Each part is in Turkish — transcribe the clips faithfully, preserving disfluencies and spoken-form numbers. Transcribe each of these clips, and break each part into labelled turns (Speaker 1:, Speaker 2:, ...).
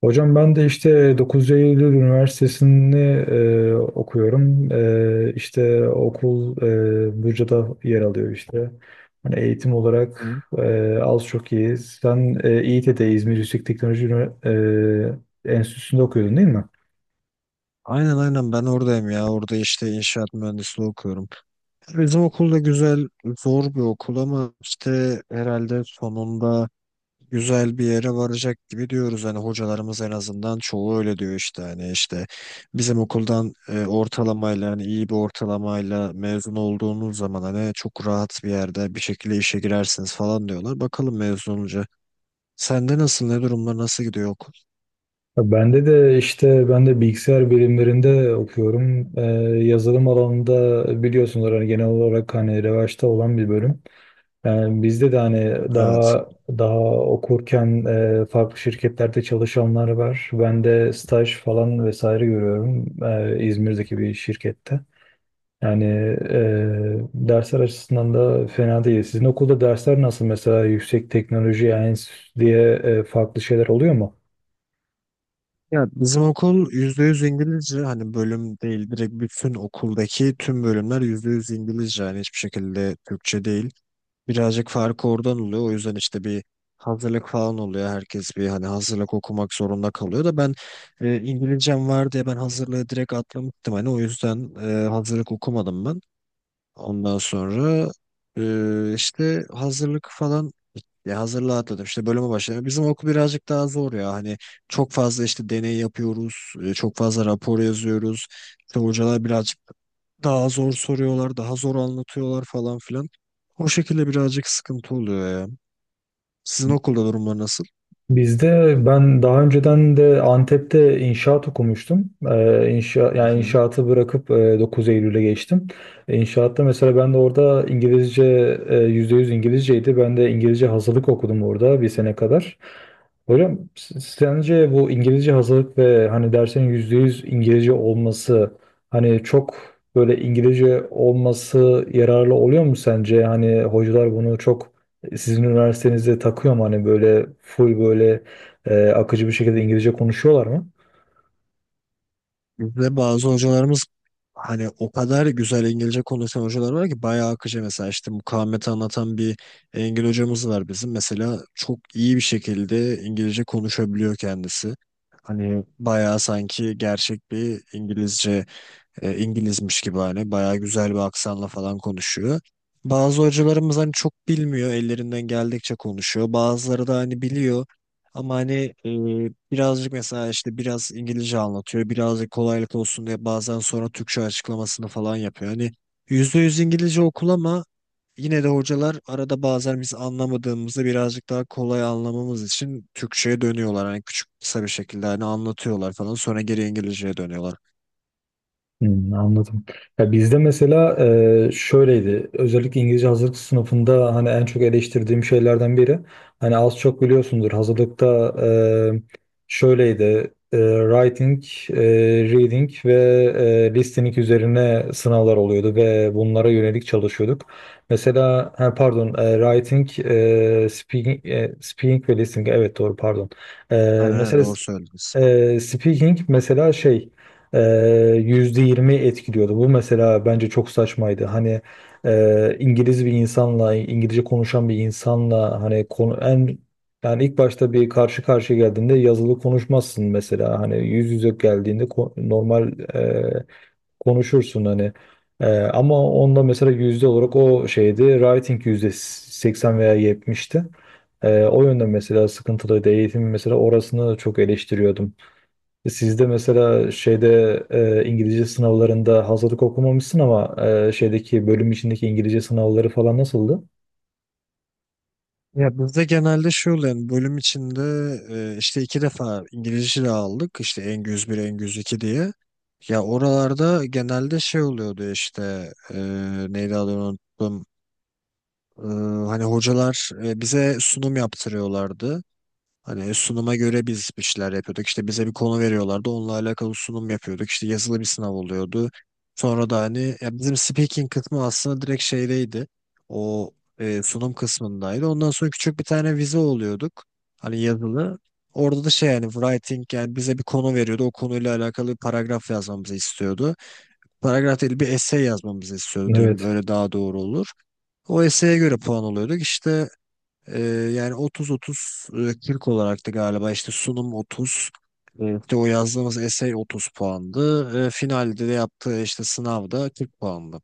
Speaker 1: Hocam ben de işte dokuz Eylül Üniversitesi'ni e, okuyorum. E, işte okul e, Buca'da yer alıyor işte. Hani eğitim olarak
Speaker 2: Hı.
Speaker 1: e, az çok iyiyiz. Sen e, İİTE'de, İzmir Yüksek Teknoloji Ünivers- e, Enstitüsü'nde okuyordun değil mi?
Speaker 2: Aynen aynen ben oradayım ya. Orada işte inşaat mühendisliği okuyorum. Bizim okul da güzel, zor bir okul ama işte herhalde sonunda güzel bir yere varacak gibi diyoruz. Hani hocalarımız en azından çoğu öyle diyor işte. Hani işte bizim okuldan e, ortalamayla hani iyi bir ortalamayla mezun olduğunuz zaman hani çok rahat bir yerde bir şekilde işe girersiniz falan diyorlar. Bakalım mezun olunca. Sende nasıl, ne durumlar, nasıl gidiyor okul?
Speaker 1: Ya, Bende de işte ben de bilgisayar bilimlerinde okuyorum. E, yazılım alanında biliyorsunuz, hani genel olarak hani revaçta olan bir bölüm. Yani bizde de hani
Speaker 2: Evet.
Speaker 1: daha daha okurken e, farklı şirketlerde çalışanlar var. Ben de staj falan vesaire görüyorum e, İzmir'deki bir şirkette. Yani e, dersler açısından da fena değil. Sizin okulda dersler nasıl? Mesela yüksek teknoloji, yani enstitü diye e, farklı şeyler oluyor mu?
Speaker 2: Ya bizim okul yüzde yüz İngilizce hani, bölüm değil direkt bütün okuldaki tüm bölümler yüzde yüz İngilizce, yani hiçbir şekilde Türkçe değil. Birazcık farkı oradan oluyor, o yüzden işte bir hazırlık falan oluyor, herkes bir hani hazırlık okumak zorunda kalıyor da ben e, İngilizcem var diye ben hazırlığı direkt atlamıştım hani, o yüzden e, hazırlık okumadım ben. Ondan sonra e, işte hazırlık falan, ya hazırlığa atladım, işte bölüme başladım. Bizim okul birazcık daha zor ya hani, çok fazla işte deney yapıyoruz, e, çok fazla rapor yazıyoruz. İşte hocalar birazcık daha zor soruyorlar, daha zor anlatıyorlar falan filan. O şekilde birazcık sıkıntı oluyor ya. Sizin okulda durumlar nasıl?
Speaker 1: Bizde ben daha önceden de Antep'te inşaat okumuştum. Ee, inşa, yani inşaatı bırakıp e, dokuz Eylül'e geçtim. E, İnşaatta mesela ben de orada İngilizce, e, yüzde yüz İngilizceydi. Ben de İngilizce hazırlık okudum orada bir sene kadar. Hocam s- sence bu İngilizce hazırlık ve hani dersin yüzde yüz İngilizce olması, hani çok böyle İngilizce olması yararlı oluyor mu sence? Hani hocalar bunu çok, e, sizin üniversitenizde takıyor mu, hani böyle full böyle e, akıcı bir şekilde İngilizce konuşuyorlar mı?
Speaker 2: Bizde bazı hocalarımız hani o kadar güzel İngilizce konuşan hocalar var ki, bayağı akıcı, mesela işte mukavemeti anlatan bir İngil hocamız var bizim. Mesela çok iyi bir şekilde İngilizce konuşabiliyor kendisi. Hani bayağı sanki gerçek bir İngilizce, e, İngilizmiş gibi hani bayağı güzel bir aksanla falan konuşuyor. Bazı hocalarımız hani çok bilmiyor, ellerinden geldikçe konuşuyor. Bazıları da hani biliyor ama hani, e, birazcık, mesela işte biraz İngilizce anlatıyor, birazcık kolaylık olsun diye bazen sonra Türkçe açıklamasını falan yapıyor. Hani yüzde yüz İngilizce okul ama yine de hocalar arada bazen biz anlamadığımızı birazcık daha kolay anlamamız için Türkçe'ye dönüyorlar. Hani küçük, kısa bir şekilde hani anlatıyorlar falan, sonra geri İngilizce'ye dönüyorlar.
Speaker 1: Hmm, anladım. Ya bizde mesela e, şöyleydi. Özellikle İngilizce hazırlık sınıfında, hani en çok eleştirdiğim şeylerden biri. Hani az çok biliyorsundur hazırlıkta e, şöyleydi. E, writing, e, reading ve e, listening üzerine sınavlar oluyordu ve bunlara yönelik çalışıyorduk. Mesela ha, pardon, e, writing, e, speaking, e, speaking ve listening, evet doğru pardon. E,
Speaker 2: Aynen aynen
Speaker 1: Mesela
Speaker 2: doğru söylediniz.
Speaker 1: e, speaking mesela şey e, yüzde yirmi etkiliyordu. Bu mesela bence çok saçmaydı. Hani e, İngiliz bir insanla, İngilizce konuşan bir insanla hani konu, en, yani ilk başta bir, karşı karşıya geldiğinde yazılı konuşmazsın mesela. Hani yüz yüze geldiğinde ko- normal e, konuşursun hani. Ee, ama onda mesela yüzde olarak o şeydi, writing yüzde seksen veya yetmişti. Ee, o yönden mesela sıkıntılıydı. Eğitim mesela, orasını çok eleştiriyordum. Sizde mesela şeyde, e, İngilizce sınavlarında hazırlık okumamışsın ama e, şeydeki bölüm içindeki İngilizce sınavları falan nasıldı?
Speaker 2: Ya bizde genelde şey oluyor yani, bölüm içinde e, işte iki defa İngilizce de aldık, işte Engüz bir Engüz iki diye. Ya oralarda genelde şey oluyordu işte, e, neydi adını unuttum. E, Hani hocalar e, bize sunum yaptırıyorlardı. Hani sunuma göre biz bir şeyler yapıyorduk. İşte bize bir konu veriyorlardı, onunla alakalı sunum yapıyorduk. İşte yazılı bir sınav oluyordu. Sonra da hani, ya bizim speaking kısmı aslında direkt şeydeydi. O e, sunum kısmındaydı. Ondan sonra küçük bir tane vize oluyorduk. Hani yazılı. Orada da şey, yani writing, yani bize bir konu veriyordu. O konuyla alakalı bir paragraf yazmamızı istiyordu. Paragraf değil, bir essay yazmamızı istiyordu diyeyim.
Speaker 1: Evet,
Speaker 2: Öyle daha doğru olur. O essay'e göre puan oluyorduk. İşte ee, yani otuz otuz kırk olarak da galiba, işte sunum otuz e, işte o yazdığımız essay otuz puandı. E, finalde de yaptığı işte sınavda kırk puandı.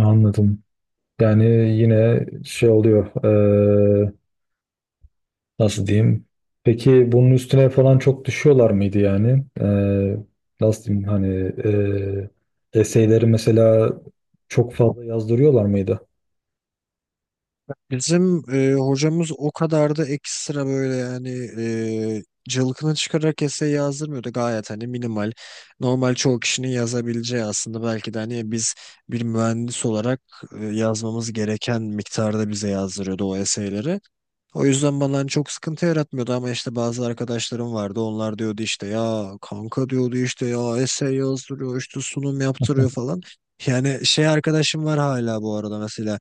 Speaker 1: anladım. Yani yine şey oluyor. e, Nasıl diyeyim? Peki bunun üstüne falan çok düşüyorlar mıydı yani? E, nasıl diyeyim hani, e, eseyleri mesela çok fazla yazdırıyorlar mıydı?
Speaker 2: Bizim e, hocamız o kadar da ekstra böyle yani, e, cılkını çıkararak essay yazdırmıyordu. Gayet hani minimal. Normal çoğu kişinin yazabileceği, aslında belki de hani biz bir mühendis olarak e, yazmamız gereken miktarda bize yazdırıyordu o essayleri. O yüzden bana hani çok sıkıntı yaratmıyordu, ama işte bazı arkadaşlarım vardı. Onlar diyordu işte, ya kanka diyordu işte, ya essay yazdırıyor, işte sunum yaptırıyor falan. Yani şey, arkadaşım var hala bu arada mesela,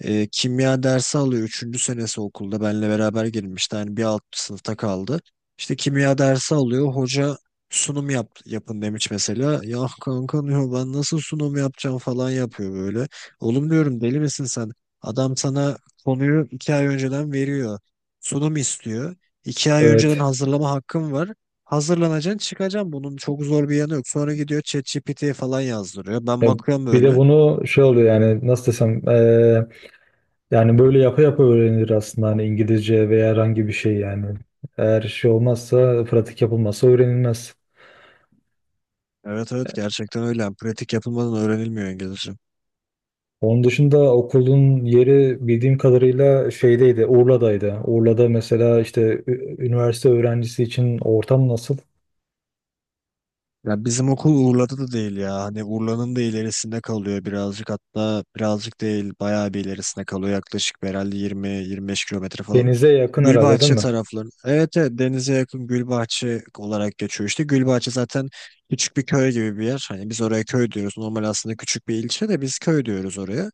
Speaker 2: e, kimya dersi alıyor, üçüncü senesi okulda benle beraber girmişti. Yani bir alt sınıfta kaldı. İşte kimya dersi alıyor, hoca sunum yap, yapın demiş mesela. Ya kanka diyor, ben nasıl sunum yapacağım falan yapıyor böyle. Oğlum diyorum, deli misin sen? Adam sana konuyu iki ay önceden veriyor. Sunum istiyor. İki ay önceden
Speaker 1: Evet.
Speaker 2: hazırlama hakkım var. Hazırlanacaksın, çıkacaksın. Bunun çok zor bir yanı yok. Sonra gidiyor ChatGPT'ye falan yazdırıyor. Ben
Speaker 1: E,
Speaker 2: bakıyorum
Speaker 1: Bir de
Speaker 2: böyle.
Speaker 1: bunu şey oluyor, yani nasıl desem? e, Yani böyle yapa yapa öğrenilir aslında, hani İngilizce veya herhangi bir şey yani. Eğer şey olmazsa, pratik yapılmazsa öğrenilmez.
Speaker 2: Evet evet, gerçekten öyle. Yani pratik yapılmadan öğrenilmiyor İngilizce.
Speaker 1: Onun dışında, okulun yeri bildiğim kadarıyla şeydeydi, Urla'daydı. Urla'da mesela işte ü- üniversite öğrencisi için ortam nasıl?
Speaker 2: Ya bizim okul Urla'da da değil ya. Hani Urla'nın da ilerisinde kalıyor birazcık, hatta birazcık değil bayağı bir ilerisinde kalıyor. Yaklaşık bir herhalde yirmi yirmi beş kilometre falan.
Speaker 1: Denize yakın herhalde, değil
Speaker 2: Gülbahçe
Speaker 1: mi?
Speaker 2: tarafları. Evet, evet denize yakın, Gülbahçe olarak geçiyor işte. Gülbahçe zaten küçük bir köy gibi bir yer. Hani biz oraya köy diyoruz. Normal aslında küçük bir ilçe de biz köy diyoruz oraya.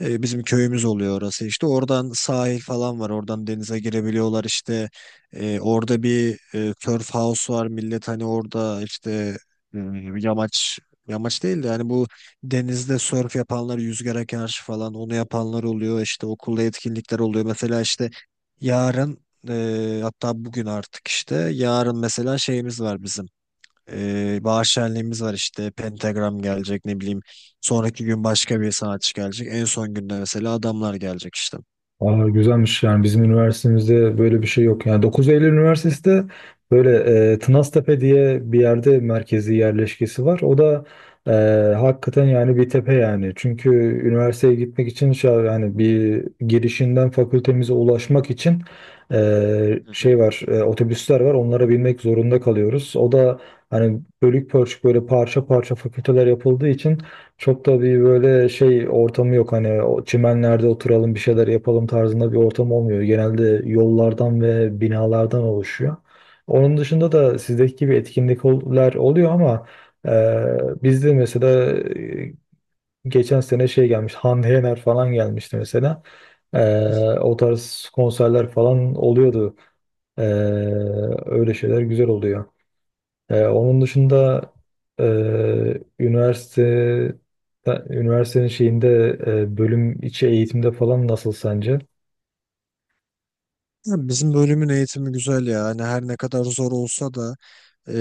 Speaker 2: E, bizim köyümüz oluyor orası işte. Oradan sahil falan var. Oradan denize girebiliyorlar işte. E, orada bir e, surf house var. Millet hani orada işte e, yamaç, yamaç değil de yani bu denizde surf yapanlar, yüzgara karşı falan, onu yapanlar oluyor. İşte okulda etkinlikler oluyor. Mesela işte yarın, e, hatta bugün artık, işte yarın mesela şeyimiz var bizim. E, bahar şenliğimiz var, işte Pentagram gelecek, ne bileyim sonraki gün başka bir sanatçı gelecek, en son günde mesela adamlar gelecek işte.
Speaker 1: Aa, güzelmiş. Yani bizim üniversitemizde böyle bir şey yok. Yani Dokuz Eylül Üniversitesi de böyle, e, Tınaztepe diye bir yerde merkezi yerleşkesi var. O da e, hakikaten yani bir tepe yani. Çünkü üniversiteye gitmek için şey, yani bir girişinden fakültemize ulaşmak için e,
Speaker 2: Hı hı.
Speaker 1: şey var, e, otobüsler var, onlara binmek zorunda kalıyoruz. O da hani bölük pörçük, böyle parça parça fakülteler yapıldığı için çok da bir böyle şey ortamı yok, hani o çimenlerde oturalım bir şeyler yapalım tarzında bir ortam olmuyor. Genelde yollardan ve binalardan oluşuyor. Onun dışında da sizdeki gibi etkinlikler oluyor ama e, bizde mesela, e, geçen sene şey gelmiş, Hande Yener falan gelmişti mesela. E, O tarz konserler falan oluyordu. E, Öyle şeyler güzel oluyor. Ee, onun dışında, e, üniversite üniversitenin şeyinde, e, bölüm içi eğitimde falan nasıl sence?
Speaker 2: Ya bizim bölümün eğitimi güzel ya, hani her ne kadar zor olsa da, E,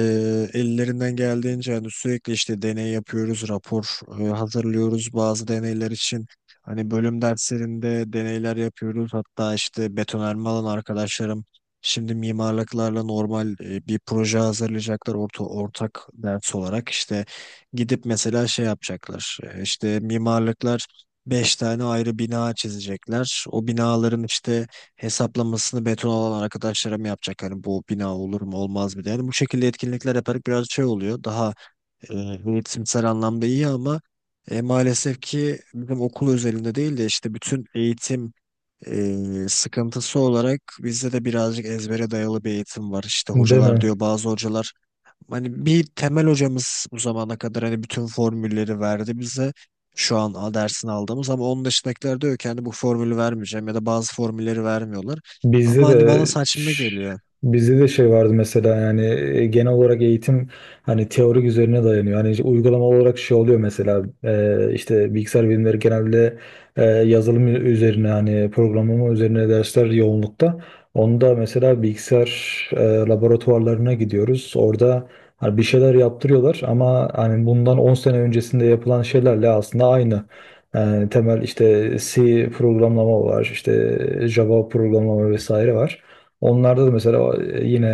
Speaker 2: ellerinden geldiğince hani sürekli işte deney yapıyoruz, rapor e, hazırlıyoruz bazı deneyler için. Hani bölüm derslerinde deneyler yapıyoruz. Hatta işte betonarme alan arkadaşlarım, şimdi mimarlıklarla normal e, bir proje hazırlayacaklar, orta, ortak ders olarak. İşte gidip mesela şey yapacaklar. E, işte mimarlıklar beş tane ayrı bina çizecekler. O binaların işte hesaplamasını beton olan arkadaşlarım yapacak. Hani bu bina olur mu olmaz mı diye. Yani bu şekilde etkinlikler yaparak biraz şey oluyor. Daha e, eğitimsel anlamda iyi ama e, maalesef ki, bizim okul özelinde değil de işte bütün eğitim e, sıkıntısı olarak bizde de birazcık ezbere dayalı bir eğitim var. İşte
Speaker 1: Değil
Speaker 2: hocalar
Speaker 1: mi?
Speaker 2: diyor, bazı hocalar. Hani bir temel hocamız bu zamana kadar hani bütün formülleri verdi bize. Şu an a- dersini aldığımız, ama onun dışındakiler diyor ki hani bu formülü vermeyeceğim, ya da bazı formülleri vermiyorlar.
Speaker 1: Bizde
Speaker 2: Ama hani bana
Speaker 1: de
Speaker 2: saçma geliyor.
Speaker 1: bizde de şey vardı mesela, yani e, genel olarak eğitim hani teorik üzerine dayanıyor. Hani işte uygulama olarak şey oluyor mesela, e, işte bilgisayar bilimleri genelde e, yazılım üzerine, hani programlama üzerine dersler yoğunlukta. Onda mesela bilgisayar e, laboratuvarlarına gidiyoruz. Orada hani bir şeyler yaptırıyorlar ama hani bundan on sene öncesinde yapılan şeylerle aslında aynı. Yani temel işte C programlama var, işte Java programlama vesaire var. Onlarda da mesela e, yine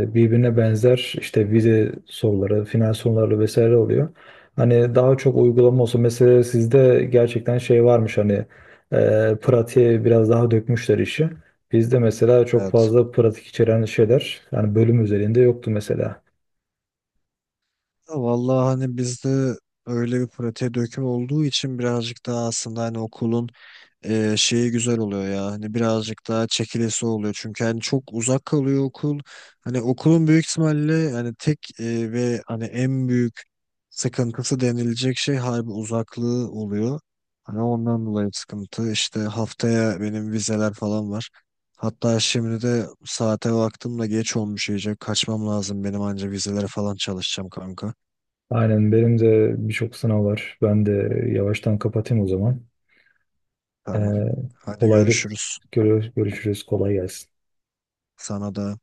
Speaker 1: e, birbirine benzer işte vize soruları, final soruları vesaire oluyor. Hani daha çok uygulama olsa, mesela sizde gerçekten şey varmış, hani e, pratiğe biraz daha dökmüşler işi. Bizde mesela çok
Speaker 2: Evet.
Speaker 1: fazla pratik içeren şeyler yani bölüm üzerinde yoktu mesela.
Speaker 2: Ya vallahi hani bizde öyle bir pratiğe döküm olduğu için birazcık daha aslında hani okulun e, şeyi güzel oluyor ya. Hani birazcık daha çekilesi oluyor. Çünkü hani çok uzak kalıyor okul. Hani okulun büyük ihtimalle hani tek e, ve hani en büyük sıkıntısı denilecek şey harbi uzaklığı oluyor. Hani ondan dolayı sıkıntı. İşte haftaya benim vizeler falan var. Hatta şimdi de saate baktım da geç olmuş iyice. Kaçmam lazım benim, anca vizelere falan çalışacağım kanka.
Speaker 1: Aynen, benim de birçok sınav var. Ben de yavaştan kapatayım o zaman. Ee,
Speaker 2: Tamam. Hadi
Speaker 1: kolaylık
Speaker 2: görüşürüz.
Speaker 1: görüyoruz, görüşürüz. Kolay gelsin.
Speaker 2: Sana da.